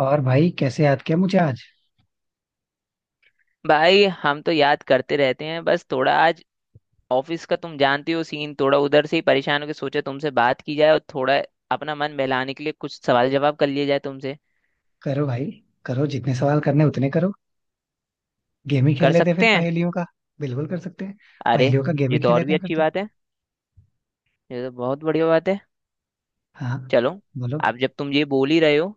और भाई कैसे याद किया मुझे आज। भाई हम तो याद करते रहते हैं। बस थोड़ा आज ऑफिस का तुम जानते हो सीन, थोड़ा उधर से ही परेशान होकर सोचा तुमसे बात की जाए, और थोड़ा अपना मन बहलाने के लिए कुछ सवाल जवाब कर लिए जाए तुमसे। करो भाई। करो जितने सवाल करने उतने करो। गेम ही खेल कर लेते हैं सकते फिर हैं। पहेलियों का। बिल्कुल कर सकते हैं। अरे, पहेलियों का गेम ये ही तो खेल और लेते भी हैं फिर अच्छी तो। बात है। ये तो बहुत बढ़िया बात है। हाँ। चलो। बोलो। अब जब तुम ये बोल ही रहे हो,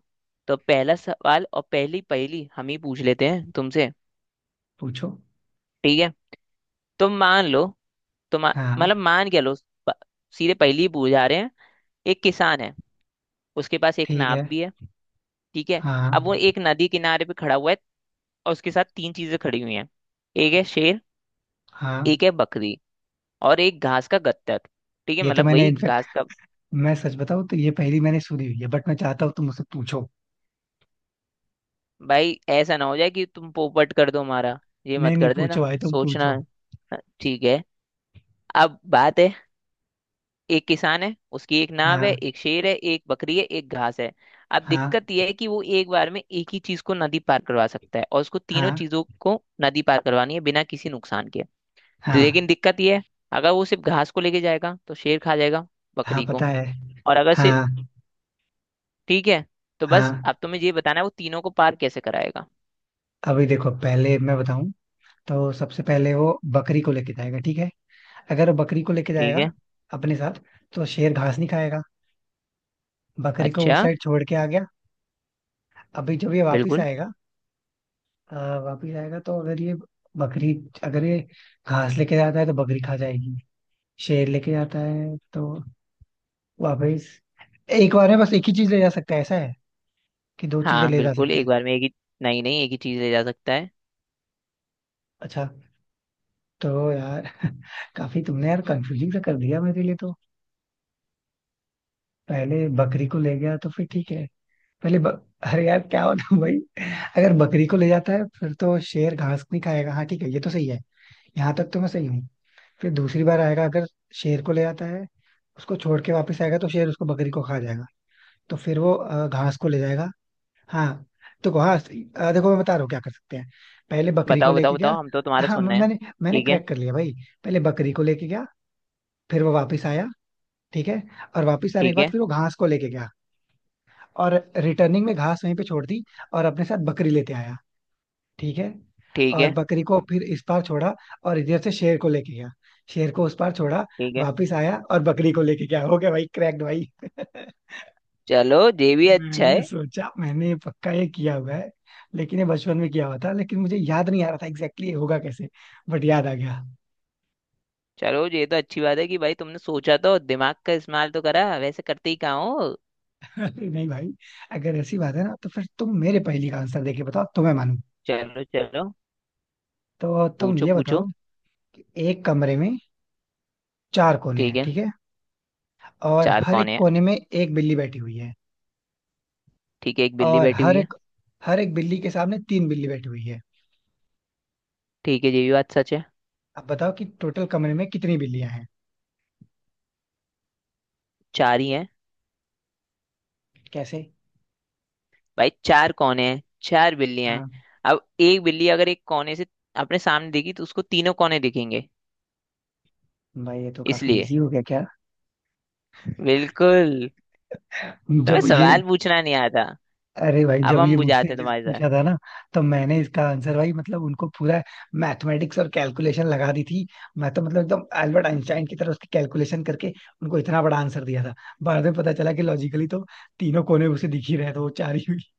तो पहला सवाल और पहली पहेली हम ही पूछ लेते हैं तुमसे। पूछो। ठीक है। तुम मान लो। तुम हाँ, मतलब मान क्या लो। प- सीधे पहली ही पूछ जा रहे हैं। एक किसान है, उसके पास एक ठीक नाव है। भी है। ठीक है। अब वो हाँ एक नदी किनारे पे खड़ा हुआ है, और उसके साथ तीन चीजें खड़ी हुई हैं। एक है शेर, हाँ एक है बकरी, और एक घास का गट्ठर। ठीक है, ये तो मतलब मैंने वही इनफेक्ट, घास का। मैं सच बताऊं तो ये पहेली मैंने सुनी हुई है, बट मैं चाहता हूँ तुम मुझसे पूछो। भाई ऐसा ना हो जाए कि तुम पोपट कर दो हमारा। ये नहीं मत नहीं, कर पूछो देना, भाई, तुम सोचना। पूछो। ठीक है। अब बात है, एक किसान है, उसकी एक नाव है, हाँ एक शेर है, एक बकरी है, एक घास है। अब हाँ दिक्कत यह है कि वो एक बार में एक ही चीज को नदी पार करवा सकता है, और उसको तीनों हाँ। चीजों को नदी पार करवानी है बिना किसी नुकसान के। हाँ लेकिन दिक्कत ये है, अगर वो सिर्फ घास को लेके जाएगा तो शेर खा जाएगा हाँ, बकरी को। पता है। और अगर सिर्फ, हाँ ठीक है, तो बस हाँ अब तुम्हें ये बताना है वो तीनों को पार कैसे कराएगा। अभी देखो, पहले मैं बताऊं। तो सबसे पहले वो बकरी को लेके जाएगा, ठीक है। अगर वो बकरी को लेके ठीक जाएगा है। अपने साथ, तो शेर घास नहीं खाएगा। बकरी को अच्छा। उस साइड छोड़ के आ गया। अभी जब ये वापिस बिल्कुल। आएगा। अ, वापिस आएगा तो अगर ये बकरी, अगर ये घास लेके जाता है तो बकरी खा जाएगी। शेर लेके जाता है तो वापिस। एक बार में बस एक ही चीज ले जा सकता है, ऐसा है? कि दो चीजें हाँ ले जा बिल्कुल, सकता है? एक बार में एक ही। नहीं नहीं, एक ही चीज ले जा सकता है। अच्छा। तो यार काफी तुमने यार कंफ्यूजिंग सा कर दिया मेरे लिए तो। पहले बकरी को ले गया तो फिर ठीक है। अरे यार क्या होता भाई? अगर बकरी को ले जाता है फिर तो शेर घास नहीं खाएगा, हाँ ठीक है, ये तो सही है। यहाँ तक तो मैं सही हूँ। फिर दूसरी बार आएगा, अगर शेर को ले जाता है, उसको छोड़ के वापस आएगा तो शेर उसको बकरी को खा जाएगा। तो फिर वो घास को ले जाएगा। हाँ। तो हाँ, देखो मैं बता रहा हूँ क्या कर सकते हैं। पहले बकरी को बताओ बताओ लेके गया। बताओ, हम तो तुम्हारा हाँ, सुन म- रहे हैं। मैंने मैंने ठीक है। क्रैक कर लिया भाई। पहले बकरी को लेके गया। फिर वो वापस आया, ठीक है। और वापस आने के ठीक बाद है। फिर वो घास को लेके गया। और रिटर्निंग में घास वहीं पे छोड़ दी, और अपने साथ बकरी लेते आया, ठीक है। ठीक और है। बकरी को फिर इस पार छोड़ा, और इधर से शेर को लेके गया। शेर को उस पार छोड़ा। ठीक है। वापिस आया और बकरी को लेके गया। हो गया भाई, क्रैक्ड भाई। चलो, ये भी अच्छा मैंने है। सोचा, मैंने पक्का ये किया हुआ है। लेकिन ये बचपन में किया हुआ था, लेकिन मुझे याद नहीं आ रहा था एग्जैक्टली ये होगा कैसे, बट याद आ गया। चलो, ये तो अच्छी बात है कि भाई तुमने सोचा, तो दिमाग का इस्तेमाल तो करा, वैसे करते ही कहाँ हो। अरे नहीं भाई। अगर ऐसी बात है ना, तो फिर तुम मेरे पहेली का आंसर देके बताओ, तो मैं मानू। चलो चलो। तो तुम पूछो ये पूछो। बताओ कि एक कमरे में चार कोने ठीक हैं, है। ठीक है। और चार हर कौन एक है। कोने में एक बिल्ली बैठी हुई है। ठीक है, एक बिल्ली और बैठी हुई हर है। एक हर एक बिल्ली के सामने तीन बिल्ली बैठी हुई है। ठीक है, ये भी बात सच है। अब बताओ कि टोटल कमरे में कितनी बिल्लियां हैं। चार ही हैं। कैसे? भाई चार कोने हैं, चार बिल्लियां हैं। हाँ, अब एक बिल्ली अगर एक कोने से अपने सामने दिखी, तो उसको तीनों कोने दिखेंगे। भाई ये तो काफी इसलिए। इजी हो गया क्या। बिल्कुल। तुम्हें जब ये सवाल पूछना नहीं आता। अरे भाई, अब जब ये हम मुझसे बुझाते हैं जब तुम्हारे साथ। पूछा था ना, तो मैंने इसका आंसर, भाई मतलब उनको पूरा मैथमेटिक्स और कैलकुलेशन लगा दी थी। मैं तो मतलब एकदम अल्बर्ट आइंस्टाइन की तरह उसकी कैलकुलेशन करके उनको इतना बड़ा आंसर दिया था। बाद में पता चला कि लॉजिकली तो तीनों कोने उसे दिख ही रहे थे, वो चार ही हुई।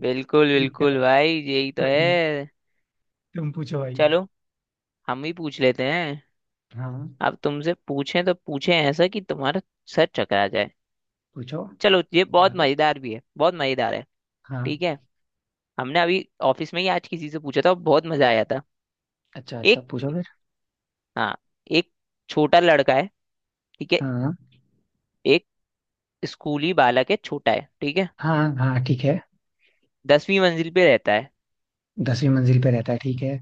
बिल्कुल ठीक है, बिल्कुल भाई, यही तो कोई नहीं, है। तुम पूछो भाई। चलो, हम ही पूछ लेते हैं। हाँ। अब तुमसे पूछें तो पूछें ऐसा कि तुम्हारा सर चकरा जाए। पूछो। चलो, ये बहुत मजेदार भी है, बहुत मजेदार है। हाँ। ठीक है। हमने अभी ऑफिस में ही आज किसी से पूछा था, बहुत मजा आया था। अच्छा अच्छा, एक। पूछो फिर। हाँ। एक छोटा लड़का है। ठीक है। हाँ एक स्कूली बालक है, छोटा है। ठीक है। हाँ हाँ ठीक है। 10वीं मंजिल पे रहता है। 10वीं मंजिल पे रहता है, ठीक है।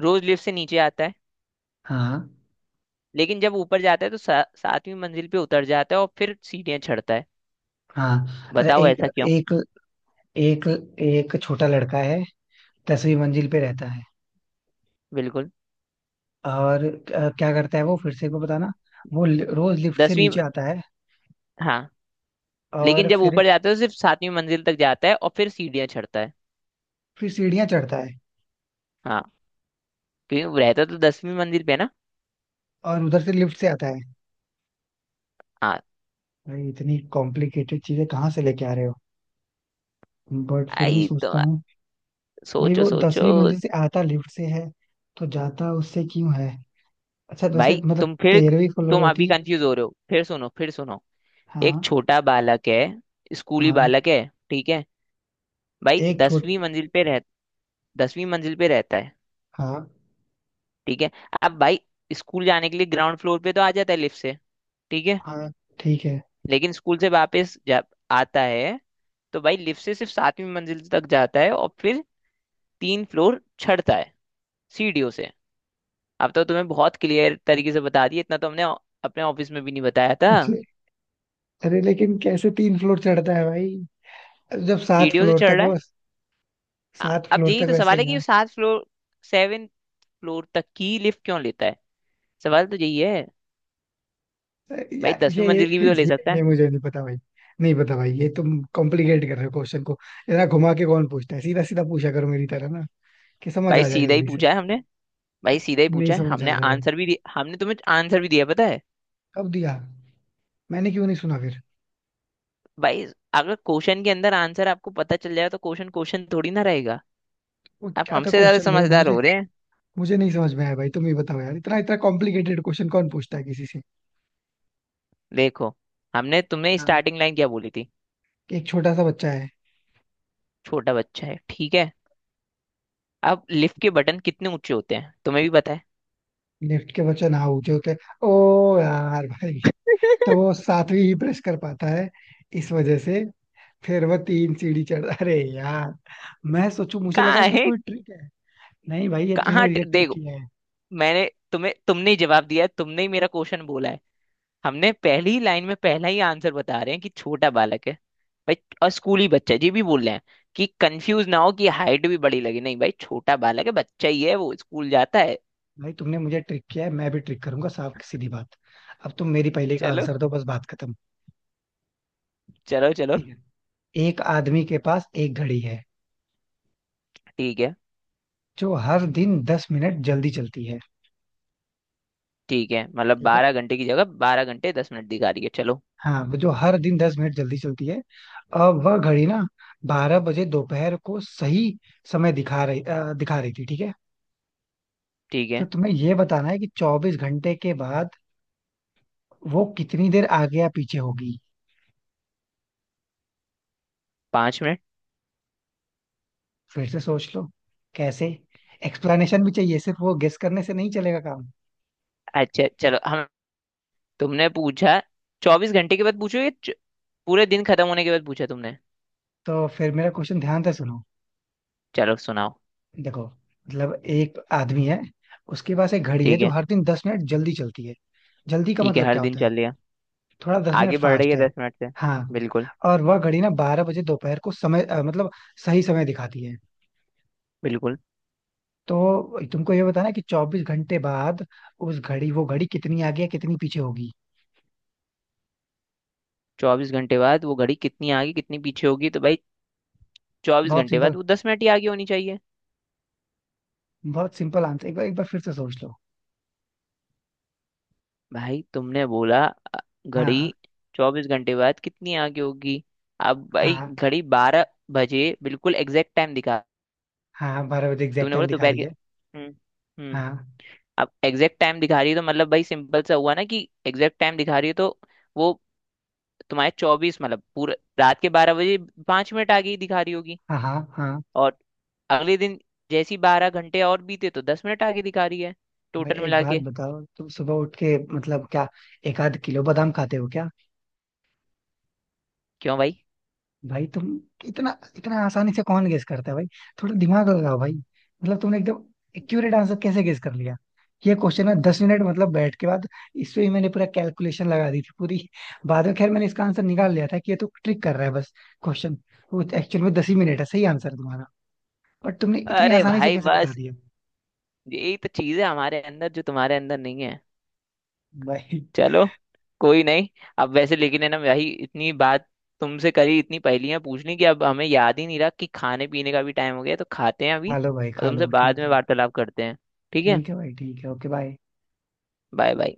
रोज लिफ्ट से नीचे आता है। हाँ लेकिन जब ऊपर जाता है तो 7वीं मंजिल पे उतर जाता है और फिर सीढ़ियां चढ़ता है। हाँ अच्छा, बताओ एक ऐसा क्यों। एक एक एक छोटा लड़का है, 10वीं मंजिल पे रहता है। बिल्कुल। और क्या करता है वो? फिर से एक बार बताना। रोज लिफ्ट से दसवीं। नीचे आता है। हाँ। लेकिन और जब ऊपर जाता है तो सिर्फ 7वीं मंजिल तक जाता है और फिर सीढ़ियां चढ़ता है। फिर सीढ़ियाँ चढ़ता है हाँ। क्योंकि वो रहता तो 10वीं मंजिल पे है ना। और उधर से लिफ्ट से आता है। हाँ। भाई इतनी कॉम्प्लिकेटेड चीजें कहाँ से लेके आ रहे हो? बट फिर भी आई तो। सोचता हूँ। भाई सोचो वो सोचो। 10वीं मंजिल से आता लिफ्ट से है, तो जाता उससे क्यों है? अच्छा तो ऐसे भाई मतलब तुम फिर, 13वीं फ्लोर तुम अभी होती। कंफ्यूज हो रहे हो, फिर सुनो फिर सुनो। एक हाँ। छोटा बालक है, स्कूली हाँ बालक है। ठीक है। भाई एक छोट 10वीं मंजिल पे रह, 10वीं मंजिल पे रहता है। हाँ, ठीक है। अब भाई, स्कूल जाने के लिए ग्राउंड फ्लोर पे तो आ जाता है लिफ्ट से। ठीक है। हाँ ठीक है। लेकिन स्कूल से वापस जब आता है, तो भाई लिफ्ट से सिर्फ 7वीं मंजिल तक जाता है, और फिर 3 फ्लोर चढ़ता है सीढ़ियों से। अब तो तुम्हें बहुत क्लियर तरीके से बता दिया, इतना तो हमने अपने ऑफिस में भी नहीं बताया था। अरे, अरे लेकिन कैसे तीन फ्लोर चढ़ता है भाई, जब सात सीढ़ियों से फ्लोर तक चढ़ रहा हो? है। सात अब फ्लोर यही तक तो वैसे सवाल है कि गया। वो 7 फ्लोर, 7 फ्लोर तक की लिफ्ट क्यों लेता है। सवाल तो यही है। अरे भाई यार, दसवीं मंजिल की भी ये तो ले सकता ये है। मुझे नहीं पता भाई। नहीं पता भाई, ये तुम कॉम्प्लिकेट कर रहे हो क्वेश्चन को। इतना घुमा के कौन पूछता है? सीधा सीधा पूछा करो मेरी तरह ना, कि समझ भाई आ जाए सीधा ही जल्दी से। पूछा है हमने। भाई सीधा ही नहीं पूछा है समझ हमने, आ रहा भाई, आंसर भी दिया, हमने तुम्हें आंसर भी दिया पता है। कब दिया? मैंने क्यों नहीं सुना फिर? भाई, अगर क्वेश्चन के अंदर आंसर आपको पता चल जाए, तो क्वेश्चन क्वेश्चन थोड़ी ना रहेगा। वो आप क्या था हमसे ज्यादा क्वेश्चन भाई समझदार मुझे? हो रहे हैं। मुझे नहीं समझ में आया भाई, तुम ही बताओ यार, इतना इतना कॉम्प्लिकेटेड क्वेश्चन कौन पूछता है किसी से। देखो, हमने तुमने हाँ, स्टार्टिंग लाइन क्या बोली थी। कि एक छोटा सा बच्चा है। छोटा बच्चा है, ठीक है, अब लिफ्ट के बटन कितने ऊंचे होते हैं तुम्हें भी पता है। लिफ्ट के बच्चा ना ऊंचे होते। ओ, यार भाई, तो वो सातवीं ही प्रेस कर पाता है इस वजह से, फिर वह तीन सीढ़ी चढ़, अरे यार। मैं सोचू मुझे लगा कहाँ इसमें है। कोई ट्रिक है। नहीं भाई, ये कहाँ तुमने ये ट्रिक देखो, किया है। मैंने तुम्हें, तुमने ही जवाब दिया है, तुमने ही मेरा क्वेश्चन बोला है। हमने पहली लाइन में पहला ही आंसर बता रहे हैं कि छोटा बालक है भाई, और स्कूली बच्चा है, ये भी बोल रहे हैं, कि कंफ्यूज ना हो कि हाइट भी बड़ी लगे, नहीं भाई छोटा बालक है, बच्चा ही है, वो स्कूल जाता है। भाई तुमने मुझे ट्रिक किया है, मैं भी ट्रिक करूंगा, साफ सीधी बात। अब तुम मेरी पहले का चलो। आंसर दो, बस बात खत्म। चलो चलो। ठीक है, एक आदमी के पास एक घड़ी है ठीक है। जो हर दिन 10 मिनट जल्दी चलती है। ठीक है, मतलब ठीक है। 12 घंटे की जगह 12 घंटे 10 मिनट दिखा रही है। चलो हाँ, वो जो हर दिन दस मिनट जल्दी चलती है। अब वह घड़ी ना 12 बजे दोपहर को सही समय दिखा रही थी, ठीक है। ठीक तो है। तुम्हें ये बताना है कि 24 घंटे के बाद वो कितनी देर आगे या पीछे होगी। 5 मिनट। फिर से सोच लो। कैसे? एक्सप्लेनेशन भी चाहिए, सिर्फ वो गेस करने से नहीं चलेगा काम। अच्छा चलो हम, तुमने पूछा, 24 घंटे के बाद पूछो या पूरे दिन खत्म होने के बाद पूछा तुमने। तो फिर मेरा क्वेश्चन ध्यान से सुनो। चलो सुनाओ। देखो मतलब एक आदमी है, उसके पास एक घड़ी है ठीक जो है। हर दिन दस मिनट जल्दी चलती है। जल्दी का ठीक है, मतलब हर क्या दिन होता है? चल लिया। थोड़ा 10 मिनट आगे बढ़ रही फास्ट है है। 10 मिनट से। हाँ। बिल्कुल। और वह घड़ी ना बारह बजे दोपहर को समय मतलब सही समय दिखाती है। बिल्कुल। तो तुमको ये बताना है कि चौबीस घंटे बाद उस घड़ी वो घड़ी कितनी आगे या कितनी पीछे होगी। 24 घंटे बाद वो घड़ी कितनी आगे कितनी पीछे होगी, तो भाई चौबीस बहुत घंटे सिंपल। बाद वो 10 मिनट ही आगे होनी चाहिए। बहुत सिंपल आंसर। एक बार फिर से सोच लो। भाई तुमने बोला, घड़ी हाँ 24 घंटे बाद कितनी आगे होगी। अब भाई हाँ घड़ी 12 बजे बिल्कुल एग्जैक्ट टाइम दिखा। हाँ बारह बजे एग्जैक्ट तुमने टाइम बोला दिखा दोपहर रही के। है। हम्म हम्म हाँ अब एग्जैक्ट टाइम दिखा रही है, तो मतलब भाई सिंपल सा हुआ ना, कि एग्जैक्ट टाइम दिखा रही है तो वो तुम्हारे चौबीस मतलब पूरा रात के 12 बजे 5 मिनट आगे ही दिखा रही होगी। हाँ हाँ हाँ और अगले दिन जैसी 12 घंटे और बीते, तो 10 मिनट आगे दिखा रही है, मैं टोटल एक मिला बात के। बताओ, तुम सुबह उठ के मतलब क्या एक आध किलो बादाम खाते हो क्या? क्यों भाई। भाई तुम, इतना इतना आसानी से कौन गेस करता है भाई? थोड़ा दिमाग लगाओ भाई। मतलब तुमने एकदम एक्यूरेट आंसर कैसे गेस कर लिया? ये क्वेश्चन है 10 मिनट मतलब बैठ के बाद इस पे ही मैंने पूरा कैलकुलेशन लगा दी थी पूरी। बाद में खैर मैंने इसका आंसर निकाल लिया था कि ये तो ट्रिक कर रहा है बस। क्वेश्चन वो एक्चुअल में दस ही मिनट है सही आंसर तुम्हारा, बट तुमने इतनी अरे आसानी से भाई कैसे बता बस, दिया? यही तो चीज है हमारे अंदर जो तुम्हारे अंदर नहीं है। भाई चलो, कोई नहीं। अब वैसे लेकिन है ना भाई, इतनी बात तुमसे करी, इतनी पहेलियां पूछ ली कि अब हमें याद ही नहीं रहा कि खाने पीने का भी टाइम हो गया, तो खाते हैं अभी, खा लो, भाई और खा तुमसे लो, ठीक बाद में है। वार्तालाप करते हैं। ठीक है। ठीक है भाई, ठीक है, ओके बाय। Bye bye.